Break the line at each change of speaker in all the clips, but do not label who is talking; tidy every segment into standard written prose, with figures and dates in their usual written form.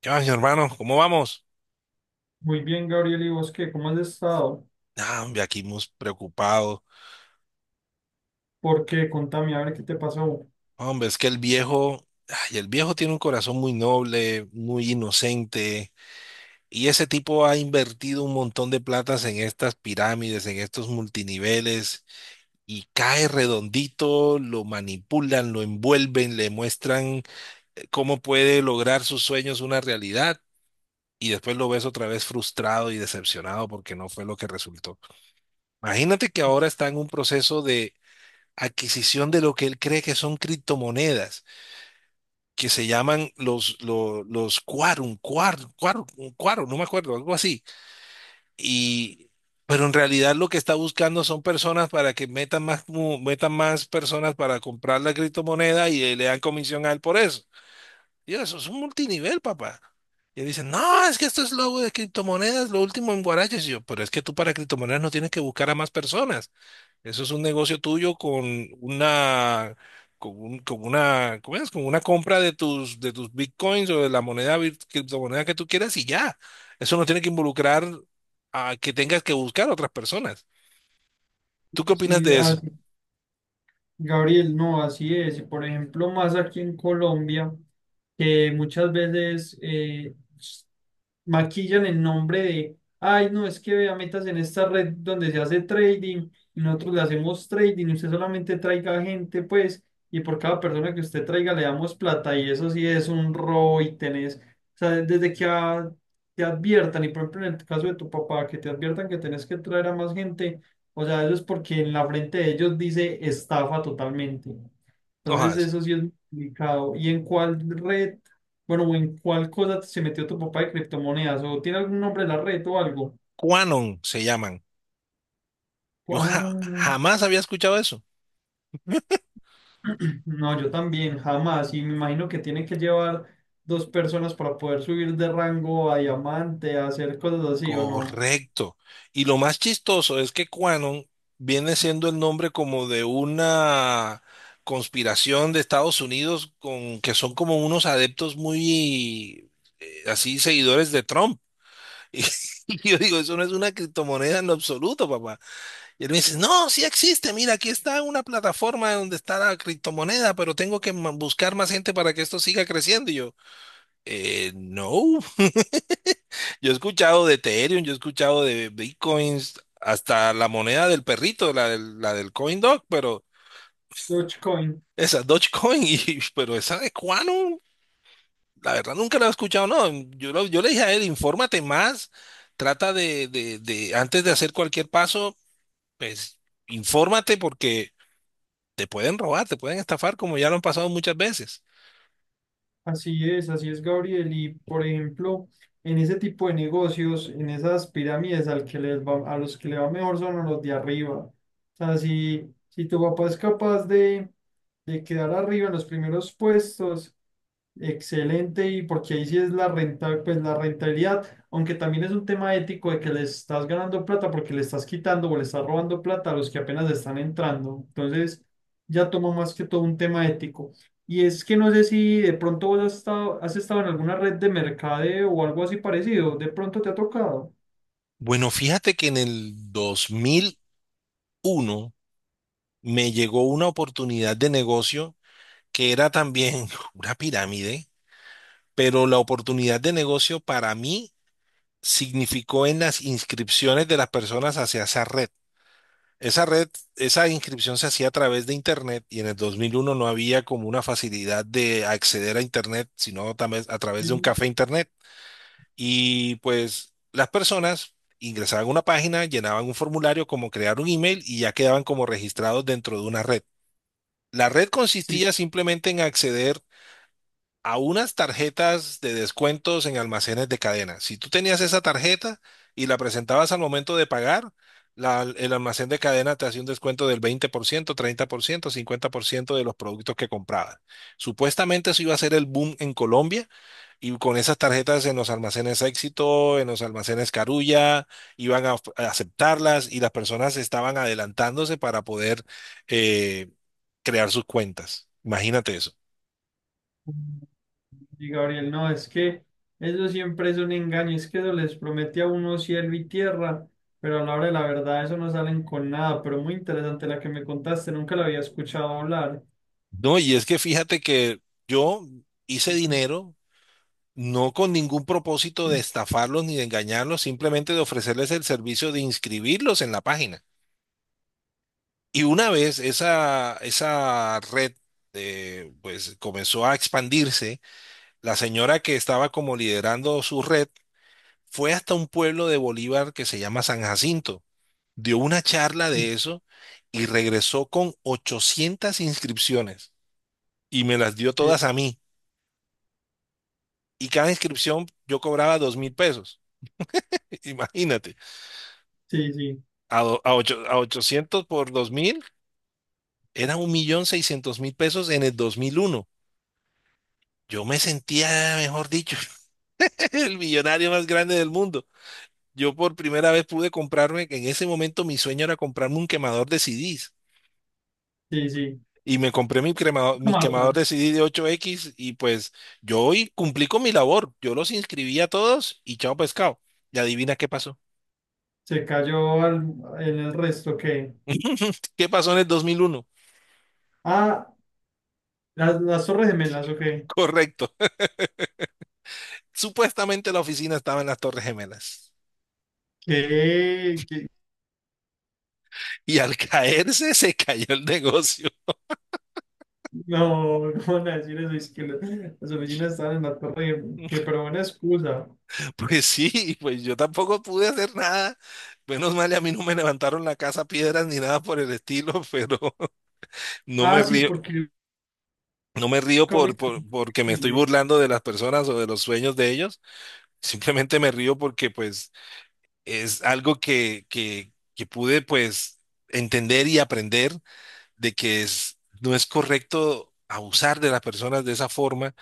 ¿Qué más, mi hermano? ¿Cómo vamos?
Muy bien, Gabriel, ¿y vos qué? ¿Cómo has estado?
Ah, hombre, aquí muy preocupados.
¿Por qué? Contame, a ver qué te pasó.
Hombre, es que el viejo, ay, el viejo tiene un corazón muy noble, muy inocente, y ese tipo ha invertido un montón de platas en estas pirámides, en estos multiniveles, y cae redondito, lo manipulan, lo envuelven, le muestran cómo puede lograr sus sueños una realidad. Y después lo ves otra vez frustrado y decepcionado porque no fue lo que resultó. Imagínate que ahora está en un proceso adquisición de lo que él cree que son criptomonedas, que se llaman los Quarum, no me acuerdo, algo así. Y, pero en realidad lo que está buscando son personas para que metan más, metan más personas para comprar la criptomoneda y le dan comisión a él por eso. Y yo, eso es un multinivel, papá. Y él dice no, es que esto es lo de criptomonedas, lo último en Guaraches. Y yo, pero es que tú para criptomonedas no tienes que buscar a más personas. Eso es un negocio tuyo con una, con una, ¿cómo es? Con una compra de tus bitcoins o de la moneda, criptomoneda que tú quieras y ya. Eso no tiene que involucrar a que tengas que buscar a otras personas. ¿Tú qué opinas
Sí,
de eso?
Gabriel, no, así es. Y por ejemplo, más aquí en Colombia, que muchas veces, maquillan el nombre de, ay, no, es que vea, metas en esta red donde se hace trading, y nosotros le hacemos trading, y usted solamente traiga gente, pues, y por cada persona que usted traiga le damos plata, y eso sí es un robo y tenés, o sea, te adviertan, y por ejemplo en el caso de tu papá, que te adviertan que tenés que traer a más gente, o sea, eso es porque en la frente de ellos dice estafa totalmente. Entonces
Ojas,
eso sí es muy complicado. ¿Y en cuál red, bueno, o en cuál cosa se metió tu papá de criptomonedas? ¿O tiene algún nombre la red o algo?
Quanon se llaman. Yo
Ah,
jamás había escuchado eso.
no, yo también, jamás. Y me imagino que tiene que llevar dos personas para poder subir de rango a diamante, a hacer cosas así, ¿o no?
Correcto. Y lo más chistoso es que Quanon viene siendo el nombre como de una conspiración de Estados Unidos con que son como unos adeptos muy así seguidores de Trump. Y, yo digo, eso no es una criptomoneda en lo absoluto, papá. Y él me dice, no, sí existe, mira, aquí está una plataforma donde está la criptomoneda, pero tengo que buscar más gente para que esto siga creciendo. Y yo, no. Yo he escuchado de Ethereum, yo he escuchado de Bitcoins, hasta la moneda del perrito, la del CoinDog, pero
Dogecoin.
esa Dogecoin, y, pero esa de Quantum, la verdad nunca la he escuchado, no. Yo le dije a él, infórmate más, trata de, antes de hacer cualquier paso, pues infórmate porque te pueden robar, te pueden estafar, como ya lo han pasado muchas veces.
Así es, Gabriel. Y por ejemplo, en ese tipo de negocios, en esas pirámides, al que les va- a los que le va mejor son a los de arriba. O sea, si tu papá es capaz de quedar arriba en los primeros puestos. Excelente, y porque ahí sí es la renta, pues la rentabilidad, aunque también es un tema ético de que le estás ganando plata porque le estás quitando o le estás robando plata a los que apenas están entrando. Entonces, ya tomo más que todo un tema ético. Y es que no sé si de pronto vos has estado en alguna red de mercadeo o algo así parecido, de pronto te ha tocado.
Bueno, fíjate que en el 2001 me llegó una oportunidad de negocio que era también una pirámide, pero la oportunidad de negocio para mí significó en las inscripciones de las personas hacia esa red. Esa red, esa inscripción se hacía a través de Internet y en el 2001 no había como una facilidad de acceder a Internet, sino también a través de un
Sí,
café Internet. Y pues las personas ingresaban a una página, llenaban un formulario como crear un email y ya quedaban como registrados dentro de una red. La red
sí.
consistía simplemente en acceder a unas tarjetas de descuentos en almacenes de cadena. Si tú tenías esa tarjeta y la presentabas al momento de pagar, el almacén de cadena te hacía un descuento del veinte por ciento, ciento, 30%, 50% de los productos que comprabas. Supuestamente eso iba a ser el boom en Colombia y con esas tarjetas en los almacenes Éxito, en los almacenes Carulla, iban a, a aceptarlas y las personas estaban adelantándose para poder eh, crear sus cuentas. Imagínate eso.
Y Gabriel, no, es que eso siempre es un engaño, es que eso les promete a uno cielo y tierra, pero a la hora de la verdad eso no salen con nada, pero muy interesante la que me contaste, nunca la había escuchado hablar.
No, y es que fíjate que yo hice dinero no con ningún propósito de estafarlos ni de engañarlos, simplemente de ofrecerles el servicio de inscribirlos en la página. Y una vez esa red pues comenzó a expandirse, la señora que estaba como liderando su red fue hasta un pueblo de Bolívar que se llama San Jacinto, dio una charla de eso y regresó con 800 inscripciones y me las dio
Sí,
todas a mí. Y cada inscripción yo cobraba 2.000 pesos. Imagínate,
sí, sí,
a 800 por 2.000 era 1.600.000 pesos en el 2001. Yo me sentía, mejor dicho, el millonario más grande del mundo. Yo por primera vez pude comprarme, que en ese momento mi sueño era comprarme un quemador de CDs.
sí, sí.
Y me compré mi
Marta,
quemador de CD de 8x y pues yo hoy cumplí con mi labor. Yo los inscribí a todos y chao pescado. Y adivina qué pasó.
se cayó al- en el resto, ¿qué?
¿Qué pasó en el 2001?
Ah, las Torres Gemelas, ¿ok?
Correcto. Supuestamente la oficina estaba en las Torres Gemelas.
¿Qué? ¿Qué?
Y al caerse se cayó el negocio.
No, no van a decir eso, las oficinas estaban en la Torre Gemela, que pero buena excusa.
Pues sí, pues yo tampoco pude hacer nada. Menos mal, y a mí no me levantaron la casa a piedras ni nada por el estilo, pero no
Ah,
me
sí,
río,
porque
no me río
nunca fuiste
porque me estoy
flexible.
burlando de las personas o de los sueños de ellos. Simplemente me río porque pues es algo que pude pues entender y aprender de que no es correcto abusar de las personas de esa forma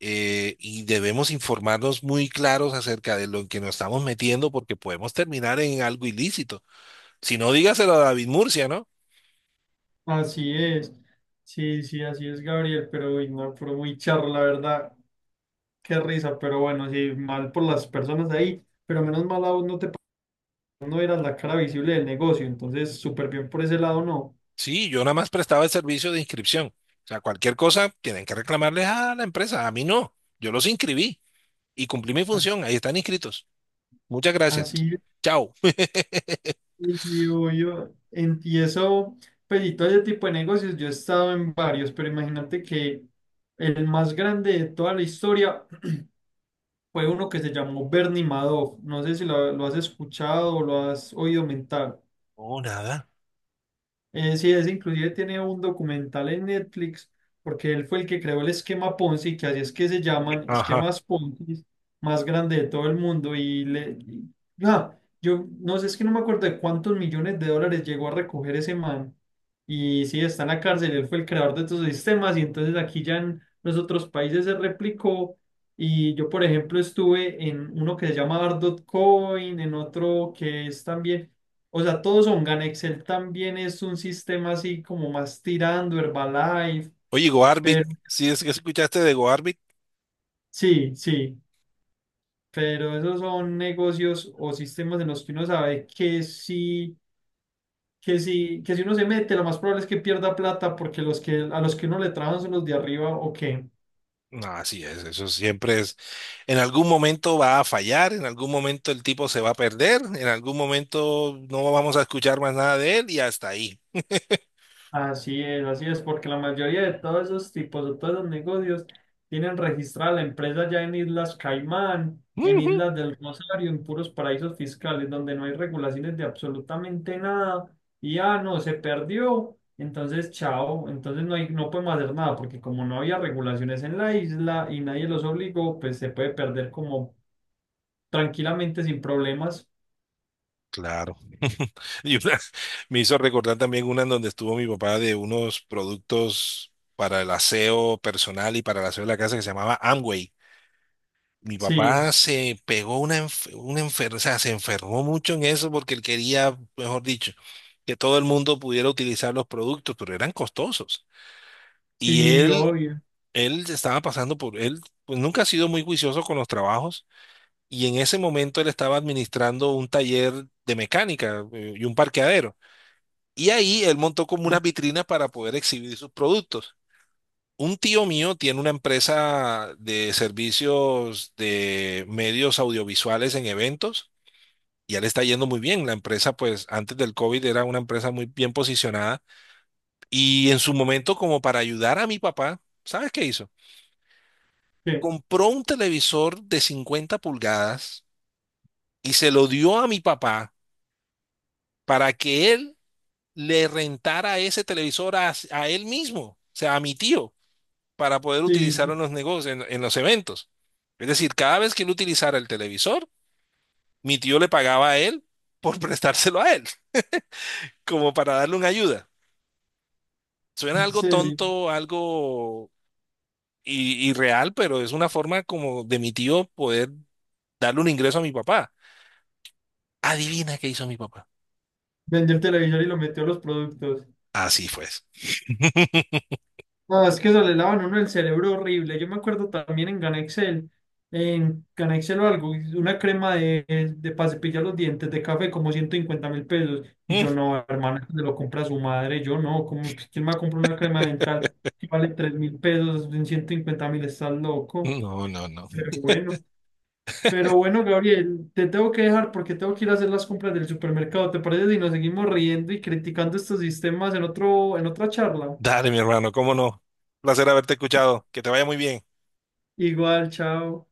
y debemos informarnos muy claros acerca de lo en que nos estamos metiendo porque podemos terminar en algo ilícito. Si no, dígaselo a David Murcia, ¿no?
Así es. Sí, sí, así es, Gabriel, pero uy, no, pero muy charro, la verdad. Qué risa, pero bueno, sí, mal por las personas ahí, pero menos mal a vos no eras la cara visible del negocio, entonces súper bien por ese lado, no.
Sí, yo nada más prestaba el servicio de inscripción. O sea, cualquier cosa tienen que reclamarles a la empresa, a mí no. Yo los inscribí y cumplí mi función, ahí están inscritos. Muchas gracias.
Así
Chao.
es, digo yo, y eso, pues y todo ese tipo de negocios, yo he estado en varios, pero imagínate que el más grande de toda la historia fue uno que se llamó Bernie Madoff. No sé si lo has escuchado o lo has oído mentar.
Oh, nada.
Sí, es inclusive tiene un documental en Netflix porque él fue el que creó el esquema Ponzi, que así es que se llaman
Ajá.
esquemas Ponzi más grande de todo el mundo ah, yo no sé, es que no me acuerdo de cuántos millones de dólares llegó a recoger ese man. Y sí, está en la cárcel, él fue el creador de estos sistemas y entonces aquí ya en los otros países se replicó y yo por ejemplo estuve en uno que se llama Ardot Coin, en otro que es también, o sea, todos son Ganexel, también es un sistema así como más tirando Herbalife,
Oye, GoArbit,
pero
¿sí es que escuchaste de GoArbit?
sí, sí, pero esos son negocios o sistemas en los que uno sabe que sí, que sí, que si uno se mete, lo más probable es que pierda plata porque los que a los que uno le trabajan son los de arriba o.
No, así es, eso siempre es, en algún momento va a fallar, en algún momento el tipo se va a perder, en algún momento no vamos a escuchar más nada de él y hasta ahí.
Así es, porque la mayoría de todos esos tipos, de todos esos negocios, tienen registrada la empresa ya en Islas Caimán, en
Ujú.
Islas del Rosario, en puros paraísos fiscales, donde no hay regulaciones de absolutamente nada, y ah, no, se perdió, entonces chao, entonces no hay, no podemos hacer nada, porque como no había regulaciones en la isla y nadie los obligó, pues se puede perder como tranquilamente sin problemas.
Claro. Y una- me hizo recordar también una en donde estuvo mi papá de unos productos para el aseo personal y para el aseo de la casa que se llamaba Amway. Mi papá
Sí,
se pegó una, o sea, se enfermó mucho en eso porque él quería, mejor dicho, que todo el mundo pudiera utilizar los productos, pero eran costosos. Y
sí,
él,
obvio.
él estaba pasando por, él pues nunca ha sido muy juicioso con los trabajos y en ese momento él estaba administrando un taller de mecánica y un parqueadero. Y ahí él montó como unas
Sí,
vitrinas para poder exhibir sus productos. Un tío mío tiene una empresa de servicios de medios audiovisuales en eventos y ya le está yendo muy bien. La empresa, pues antes del COVID era una empresa muy bien posicionada y en su momento como para ayudar a mi papá, ¿sabes qué hizo?
¿qué?
Compró un televisor de 50 pulgadas y se lo dio a mi papá para que él le rentara ese televisor a él mismo, o sea, a mi tío, para poder
Sí,
utilizarlo
sí,
en los negocios, en los eventos. Es decir, cada vez que él utilizara el televisor, mi tío le pagaba a él por prestárselo a él, como para darle una ayuda. Suena
en
algo
serio.
tonto, algo irreal, pero es una forma como de mi tío poder darle un ingreso a mi papá. Adivina qué hizo mi papá.
Vendió el televisor y lo metió a los productos.
Así fue.
No, es que eso le lavan a uno el cerebro horrible. Yo me acuerdo también en GANEXEL o algo, una crema de para cepillar los dientes de café como 150.000 pesos. Y yo no, hermana, se lo compra su madre. Yo no, como, ¿quién me va a comprar una crema dental que vale 3.000 pesos en 150.000? Estás loco.
No, no, no.
Pero bueno. Pero bueno, Gabriel, te tengo que dejar porque tengo que ir a hacer las compras del supermercado. ¿Te parece si nos seguimos riendo y criticando estos sistemas en otro, en otra charla?
Dale, mi hermano, cómo no. Placer haberte escuchado. Que te vaya muy bien.
Igual, chao.